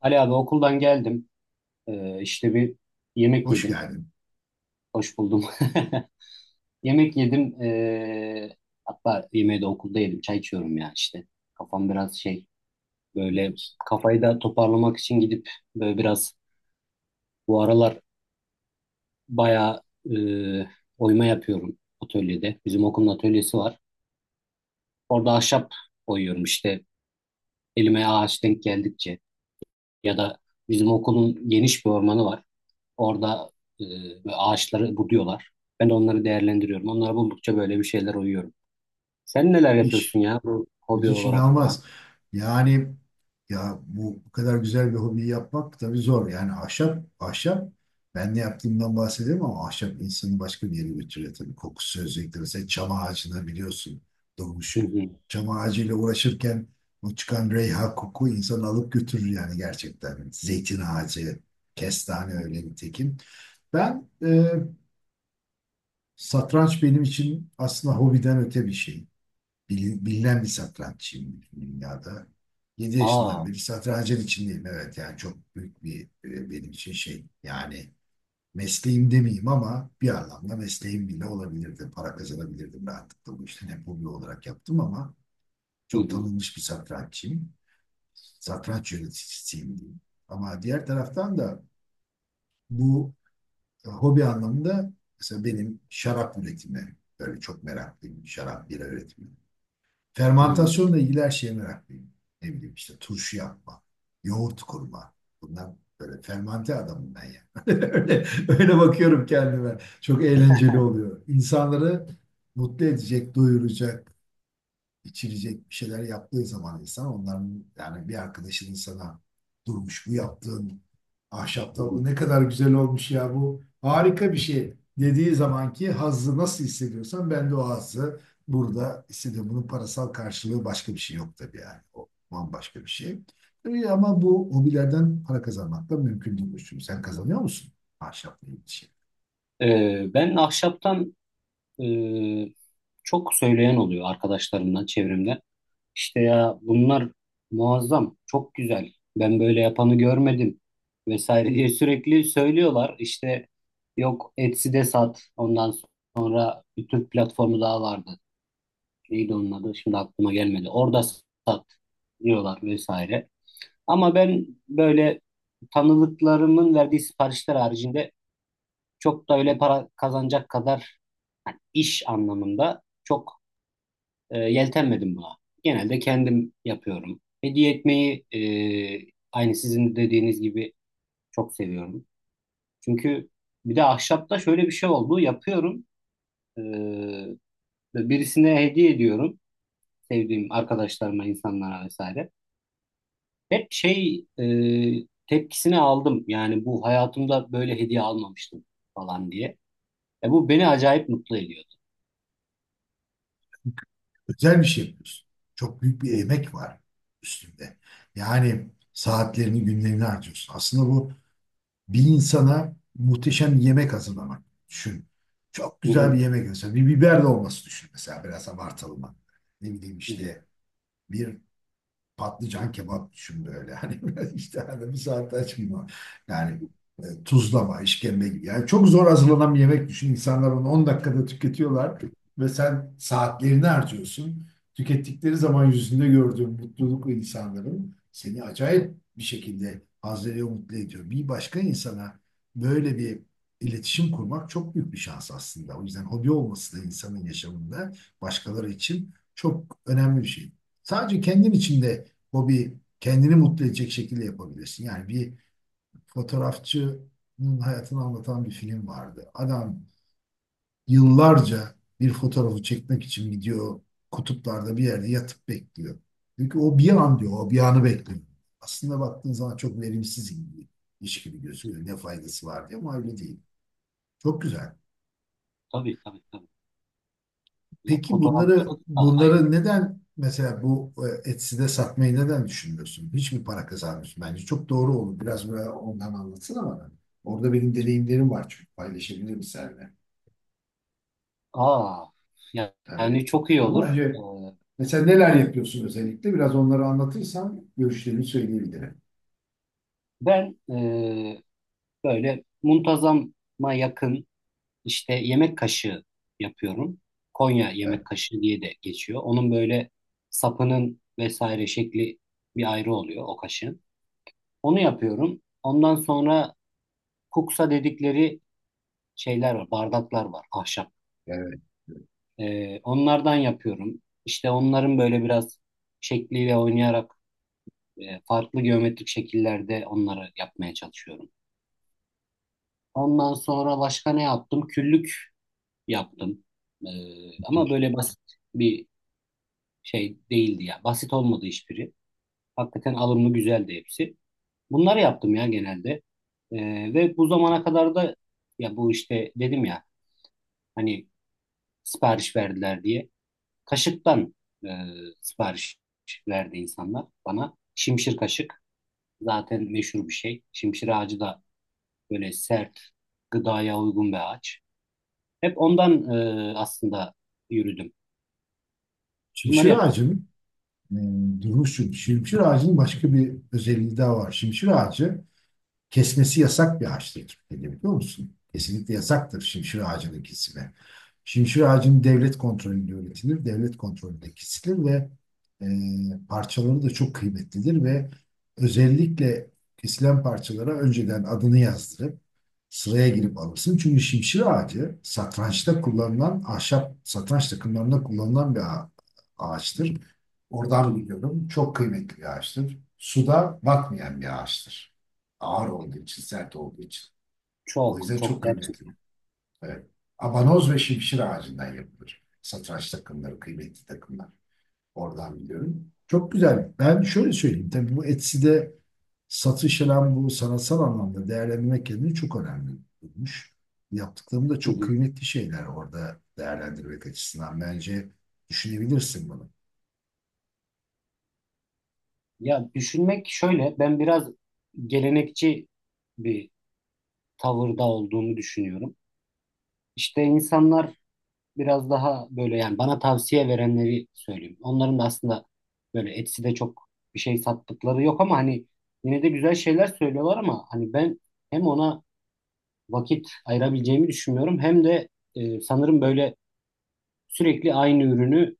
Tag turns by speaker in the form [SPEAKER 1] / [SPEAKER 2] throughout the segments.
[SPEAKER 1] Ali abi okuldan geldim. İşte bir yemek
[SPEAKER 2] Hoş
[SPEAKER 1] yedim.
[SPEAKER 2] geldin
[SPEAKER 1] Hoş buldum. Yemek yedim. Hatta yemeği de okulda yedim. Çay içiyorum ya işte. Kafam biraz şey böyle
[SPEAKER 2] Firdevs.
[SPEAKER 1] kafayı da toparlamak için gidip böyle biraz bu aralar bayağı e, oyma yapıyorum atölyede. Bizim okulun atölyesi var. Orada ahşap oyuyorum işte. Elime ağaç denk geldikçe. Ya da bizim okulun geniş bir ormanı var. Orada e, böyle ağaçları buduyorlar. Ben de onları değerlendiriyorum. Onları buldukça böyle bir şeyler uyuyorum. Sen neler yapıyorsun
[SPEAKER 2] Müthiş.
[SPEAKER 1] ya bu hobi
[SPEAKER 2] Müthiş
[SPEAKER 1] olarak falan?
[SPEAKER 2] inanılmaz. Yani ya bu kadar güzel bir hobiyi yapmak tabii zor. Yani ahşap ben ne yaptığımdan bahsedeyim ama ahşap insanı başka bir yere götürüyor tabii. Kokusu özellikle mesela çam ağacına biliyorsun doğmuş.
[SPEAKER 1] Hı hı.
[SPEAKER 2] Çam ağacıyla uğraşırken o çıkan reyha koku insanı alıp götürür yani gerçekten. Zeytin ağacı, kestane öyle nitekim. Ben satranç benim için aslında hobiden öte bir şey. Bilinen bir satranççıyım dünyada. 7 yaşından
[SPEAKER 1] Aa.
[SPEAKER 2] beri satrancın içindeyim. Evet yani çok büyük bir benim için şey. Yani mesleğim demeyeyim ama bir anlamda mesleğim bile olabilirdi. Para kazanabilirdim rahatlıkla bu işten. Hep hobi olarak yaptım ama
[SPEAKER 1] Hı
[SPEAKER 2] çok
[SPEAKER 1] hı.
[SPEAKER 2] tanınmış bir satranççıyım. Satranç yöneticisiyim diyeyim. Ama diğer taraftan da bu hobi anlamında mesela benim şarap üretimi böyle çok meraklıyım. Şarap, bira üretimi.
[SPEAKER 1] Hı
[SPEAKER 2] Fermantasyonla ilgili her şeye meraklıyım. Ne bileyim işte turşu yapma, yoğurt kurma. Bunlar böyle fermante adamım ben yani. Öyle, öyle bakıyorum kendime. Çok eğlenceli oluyor. İnsanları mutlu edecek, doyuracak, içilecek bir şeyler yaptığı zaman insan onların yani bir arkadaşının sana durmuş bu yaptığın ahşap tavuğu
[SPEAKER 1] hı.
[SPEAKER 2] ne kadar güzel olmuş ya bu harika bir şey dediği zamanki hazzı nasıl hissediyorsan ben de o hazzı burada hissediyorum. Bunun parasal karşılığı başka bir şey yok tabii yani. O bambaşka bir şey. Tabii ama bu hobilerden para kazanmak da mümkün değil. Çünkü sen kazanıyor musun ahşapla ilgili şey?
[SPEAKER 1] Ben ahşaptan e, çok söyleyen oluyor arkadaşlarımdan çevremde. İşte ya bunlar muazzam, çok güzel. Ben böyle yapanı görmedim vesaire diye sürekli söylüyorlar. İşte yok, Etsy'de sat. Ondan sonra bir Türk platformu daha vardı. Neydi onun adı? Şimdi aklıma gelmedi. Orada sat diyorlar vesaire. Ama ben böyle tanıdıklarımın verdiği siparişler haricinde çok da öyle para kazanacak kadar, yani iş anlamında çok yeltenmedim buna. Genelde kendim yapıyorum. Hediye etmeyi, aynı sizin dediğiniz gibi, çok seviyorum. Çünkü bir de ahşapta şöyle bir şey oldu. Yapıyorum. E, ve birisine hediye ediyorum. Sevdiğim arkadaşlarıma, insanlara vesaire. Hep şey tepkisini aldım. Yani bu hayatımda böyle hediye almamıştım falan diye. Bu beni acayip mutlu ediyordu.
[SPEAKER 2] Özel bir şey yapıyorsun. Çok büyük bir
[SPEAKER 1] Hı,
[SPEAKER 2] emek var üstünde. Yani saatlerini, günlerini harcıyorsun. Aslında bu bir insana muhteşem bir yemek hazırlamak. Düşün. Çok
[SPEAKER 1] hı,
[SPEAKER 2] güzel
[SPEAKER 1] hı,
[SPEAKER 2] bir yemek mesela. Bir biber dolması düşün mesela biraz abartalım. Ne bileyim
[SPEAKER 1] hı,
[SPEAKER 2] işte bir patlıcan kebap düşün böyle. Hani böyle işte hani bir saat aç gibi. Yani tuzlama, işkembe gibi. Yani çok zor hazırlanan bir yemek düşün. İnsanlar onu 10 dakikada tüketiyorlar ve sen saatlerini harcıyorsun. Tükettikleri zaman yüzünde gördüğün mutluluk ve insanların seni acayip bir şekilde haz veriyor, mutlu ediyor. Bir başka insana böyle bir iletişim kurmak çok büyük bir şans aslında. O yüzden hobi olması da insanın yaşamında başkaları için çok önemli bir şey. Sadece kendin için de hobi kendini mutlu edecek şekilde yapabilirsin. Yani bir fotoğrafçının hayatını anlatan bir film vardı. Adam yıllarca bir fotoğrafı çekmek için gidiyor kutuplarda bir yerde yatıp bekliyor. Çünkü o bir an diyor, o bir anı bekliyor. Aslında baktığın zaman çok verimsiz gibi, iş gibi
[SPEAKER 1] hı.
[SPEAKER 2] gözüküyor. Ne faydası var diye ama öyle değil. Çok güzel.
[SPEAKER 1] Tabii, tabii, tabii. Ya,
[SPEAKER 2] Peki bunları
[SPEAKER 1] fotoğrafçılık da ayrı.
[SPEAKER 2] bunları neden mesela bu Etsy'de satmayı neden düşünmüyorsun? Hiç mi para kazanmıyorsun? Bence çok doğru olur. Biraz böyle ondan anlatsana bana. Orada benim deneyimlerim var çünkü paylaşabilirim seninle
[SPEAKER 1] Aa, ya- yani
[SPEAKER 2] tabii.
[SPEAKER 1] çok iyi
[SPEAKER 2] Ama
[SPEAKER 1] olur. Ee,
[SPEAKER 2] önce mesela neler yapıyorsun özellikle? Biraz onları anlatırsan görüşlerimi söyleyebilirim.
[SPEAKER 1] ben böyle muntazama yakın, işte, yemek kaşığı yapıyorum. Konya yemek
[SPEAKER 2] Evet,
[SPEAKER 1] kaşığı diye de geçiyor. Onun böyle sapının vesaire şekli bir ayrı oluyor o kaşığın. Onu yapıyorum. Ondan sonra kuksa dedikleri şeyler var, bardaklar var, ahşap.
[SPEAKER 2] evet.
[SPEAKER 1] Onlardan yapıyorum. İşte onların böyle biraz şekliyle oynayarak farklı geometrik şekillerde onları yapmaya çalışıyorum. Ondan sonra başka ne yaptım? Küllük yaptım. E, ama böyle basit bir şey değildi ya. Basit olmadı hiçbiri. Hakikaten alımlı güzeldi hepsi. Bunları yaptım ya genelde. E, ve bu zamana kadar da, ya bu, işte dedim ya, hani sipariş verdiler diye. Kaşıktan e, sipariş verdi insanlar bana. Şimşir kaşık zaten meşhur bir şey. Şimşir ağacı da böyle sert, gıdaya uygun bir ağaç. Hep ondan, aslında, yürüdüm. Bunları
[SPEAKER 2] Şimşir
[SPEAKER 1] yapıyorum.
[SPEAKER 2] ağacının durmuş çünkü. Şimşir ağacının başka bir özelliği daha var. Şimşir ağacı kesmesi yasak bir ağaçtır Türkiye'de, biliyor musun? Kesinlikle yasaktır şimşir ağacının kesimi. Şimşir ağacının devlet kontrolünde üretilir, devlet kontrolünde kesilir ve e, parçaları da çok kıymetlidir ve özellikle kesilen parçalara önceden adını yazdırıp sıraya girip alırsın. Çünkü şimşir ağacı satrançta kullanılan ahşap satranç takımlarında kullanılan bir ağaçtır.
[SPEAKER 1] Hı hı.
[SPEAKER 2] Oradan biliyorum. Çok kıymetli bir ağaçtır. Suda batmayan bir ağaçtır. Ağır olduğu için, sert olduğu için. O
[SPEAKER 1] Çok,
[SPEAKER 2] yüzden çok
[SPEAKER 1] çok,
[SPEAKER 2] kıymetli.
[SPEAKER 1] gerçekten.
[SPEAKER 2] Evet. Abanoz ve şimşir ağacından yapılır. Satranç takımları, kıymetli takımlar. Oradan biliyorum. Çok güzel. Ben şöyle söyleyeyim. Tabii bu Etsy'de satış hem bu sanatsal anlamda değerlendirmek kendini çok önemli bulmuş. Yaptıklarım da
[SPEAKER 1] Hı
[SPEAKER 2] çok
[SPEAKER 1] hı.
[SPEAKER 2] kıymetli şeyler orada değerlendirmek açısından. Bence düşünebilirsin bunu.
[SPEAKER 1] Ya, düşünmek şöyle: ben biraz gelenekçi bir tavırda olduğumu düşünüyorum. İşte insanlar biraz daha böyle, yani bana tavsiye verenleri söyleyeyim. Onların da aslında böyle Etsy'de çok bir şey sattıkları yok ama hani yine de güzel şeyler söylüyorlar, ama hani ben hem ona vakit ayırabileceğimi düşünmüyorum. Hem de sanırım böyle sürekli aynı ürünü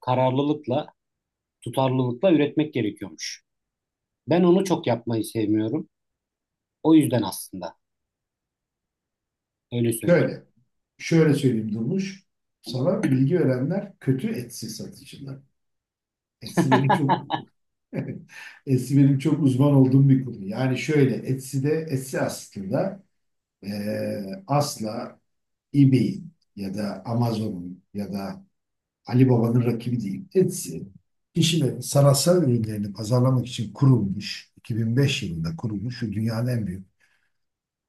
[SPEAKER 1] kararlılıkla, tutarlılıkla üretmek gerekiyormuş. Ben onu çok yapmayı sevmiyorum. O yüzden aslında öyle söyleyeyim.
[SPEAKER 2] Şöyle, şöyle söyleyeyim Durmuş. Sana bilgi verenler kötü etsi satıcılar. Etsi benim çok etsi benim çok uzman olduğum bir konu. Yani şöyle Etsy'de Etsy aslında asla eBay'in ya da Amazon'un ya da Ali Baba'nın rakibi değil. Etsy, kişinin sanatsal ürünlerini pazarlamak için kurulmuş, 2005 yılında kurulmuş ve dünyanın en büyük,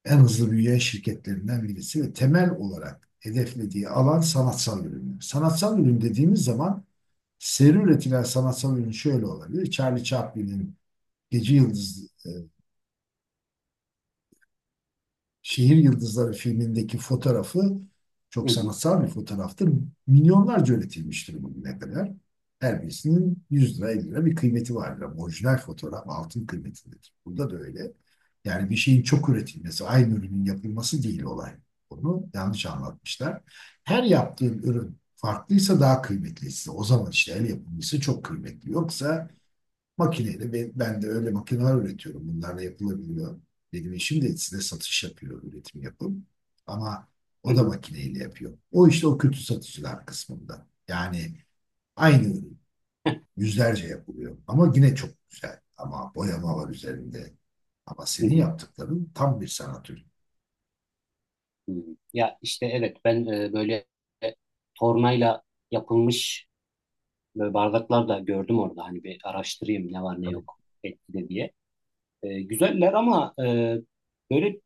[SPEAKER 2] en hızlı büyüyen şirketlerinden birisi ve temel olarak hedeflediği alan sanatsal ürünler. Sanatsal ürün dediğimiz zaman seri üretilen sanatsal ürün şöyle olabilir. Charlie Chaplin'in Gece Yıldız e, Şehir Yıldızları filmindeki fotoğrafı
[SPEAKER 1] Hı
[SPEAKER 2] çok
[SPEAKER 1] hı,
[SPEAKER 2] sanatsal bir fotoğraftır. Milyonlarca üretilmiştir bugüne kadar. Her birisinin 100 lira 50 lira bir kıymeti vardır. Ama orijinal fotoğraf altın kıymetindedir. Burada da öyle. Yani bir şeyin çok üretilmesi, aynı ürünün yapılması değil olay. Onu yanlış anlatmışlar. Her yaptığın ürün farklıysa daha kıymetlisi. O zaman işte el yapımcısı çok kıymetli. Yoksa makineyle ben de öyle makineler üretiyorum. Bunlarla yapılabiliyor. Benim işim de size satış yapıyor, üretim yapım. Ama
[SPEAKER 1] hı
[SPEAKER 2] o da
[SPEAKER 1] hı,
[SPEAKER 2] makineyle yapıyor. O işte o kötü satıcılar kısmında. Yani aynı ürün yüzlerce yapılıyor. Ama yine çok güzel. Ama boyama var üzerinde. Ama
[SPEAKER 1] hı
[SPEAKER 2] senin
[SPEAKER 1] hı,
[SPEAKER 2] yaptıkların tam bir sanat ürünü.
[SPEAKER 1] hı hı. Ya işte, evet, ben böyle, e, tornayla yapılmış böyle bardaklar da gördüm orada. Hani bir araştırayım ne var ne yok etkide diye. Güzeller ama böyle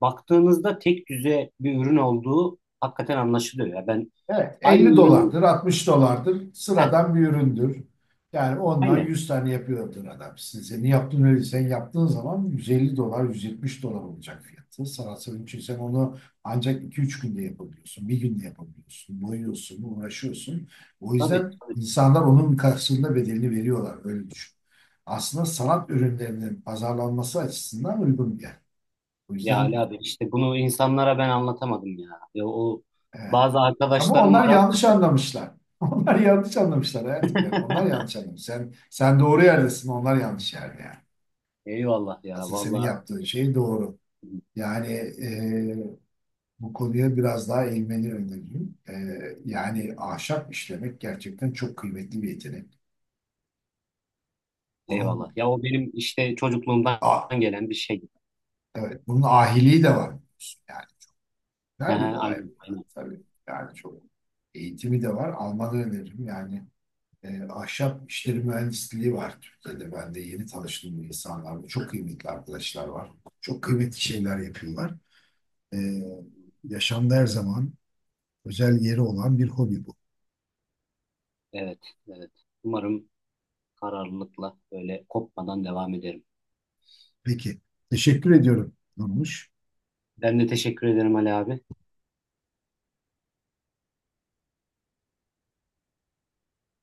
[SPEAKER 1] baktığınızda tek düze bir ürün olduğu hakikaten anlaşılıyor. Ya ben
[SPEAKER 2] Evet,
[SPEAKER 1] aynı
[SPEAKER 2] 50
[SPEAKER 1] ürünü,
[SPEAKER 2] dolardır, 60 dolardır.
[SPEAKER 1] heh,
[SPEAKER 2] Sıradan bir üründür. Yani ondan
[SPEAKER 1] aynı,
[SPEAKER 2] 100 tane yapıyordur adam. Size ne yaptın öyle sen yaptığın zaman 150 dolar, 170 dolar olacak fiyatı. Sanatsal için sen onu ancak 2-3 günde yapabiliyorsun. Bir günde yapabiliyorsun. Boyuyorsun, uğraşıyorsun. O
[SPEAKER 1] tabii,
[SPEAKER 2] yüzden
[SPEAKER 1] tabii.
[SPEAKER 2] insanlar onun karşılığında bedelini veriyorlar. Öyle düşün. Aslında sanat ürünlerinin pazarlanması açısından uygun bir yer. O
[SPEAKER 1] Ya Ali
[SPEAKER 2] yüzden
[SPEAKER 1] abi, işte bunu insanlara ben anlatamadım ya. Ya o
[SPEAKER 2] evet.
[SPEAKER 1] bazı
[SPEAKER 2] Ama
[SPEAKER 1] arkadaşlarım var.
[SPEAKER 2] onlar yanlış anlamışlar. Onlar yanlış anlamışlar hayatım yani. Onlar yanlış anlamış. Sen, sen doğru yerdesin, onlar yanlış yerde yani.
[SPEAKER 1] Eyvallah ya,
[SPEAKER 2] Aslında senin
[SPEAKER 1] vallahi
[SPEAKER 2] yaptığın şey doğru. Yani bu konuya biraz daha eğilmeni öneririm. Yani ahşap işlemek gerçekten çok kıymetli bir yetenek.
[SPEAKER 1] eyvallah.
[SPEAKER 2] Bunun,
[SPEAKER 1] Ya o benim işte çocukluğumdan
[SPEAKER 2] ah,
[SPEAKER 1] gelen bir şey.
[SPEAKER 2] evet, bunun ahiliği de var. Yani güzel bir
[SPEAKER 1] Aha,
[SPEAKER 2] olay bu
[SPEAKER 1] aynen,
[SPEAKER 2] yani.
[SPEAKER 1] aynen.
[SPEAKER 2] Tabii yani çok eğitimi de var. Almanı öneririm yani. Ahşap işleri mühendisliği var Türkiye'de. Ben de yeni tanıştığım insanlarla çok kıymetli arkadaşlar var. Çok kıymetli şeyler yapıyorlar. E, yaşamda her zaman özel yeri olan bir hobi bu.
[SPEAKER 1] Evet, evet. Umarım kararlılıkla böyle kopmadan devam ederim.
[SPEAKER 2] Peki, teşekkür ediyorum Nurmuş.
[SPEAKER 1] Ben de teşekkür ederim Ali abi.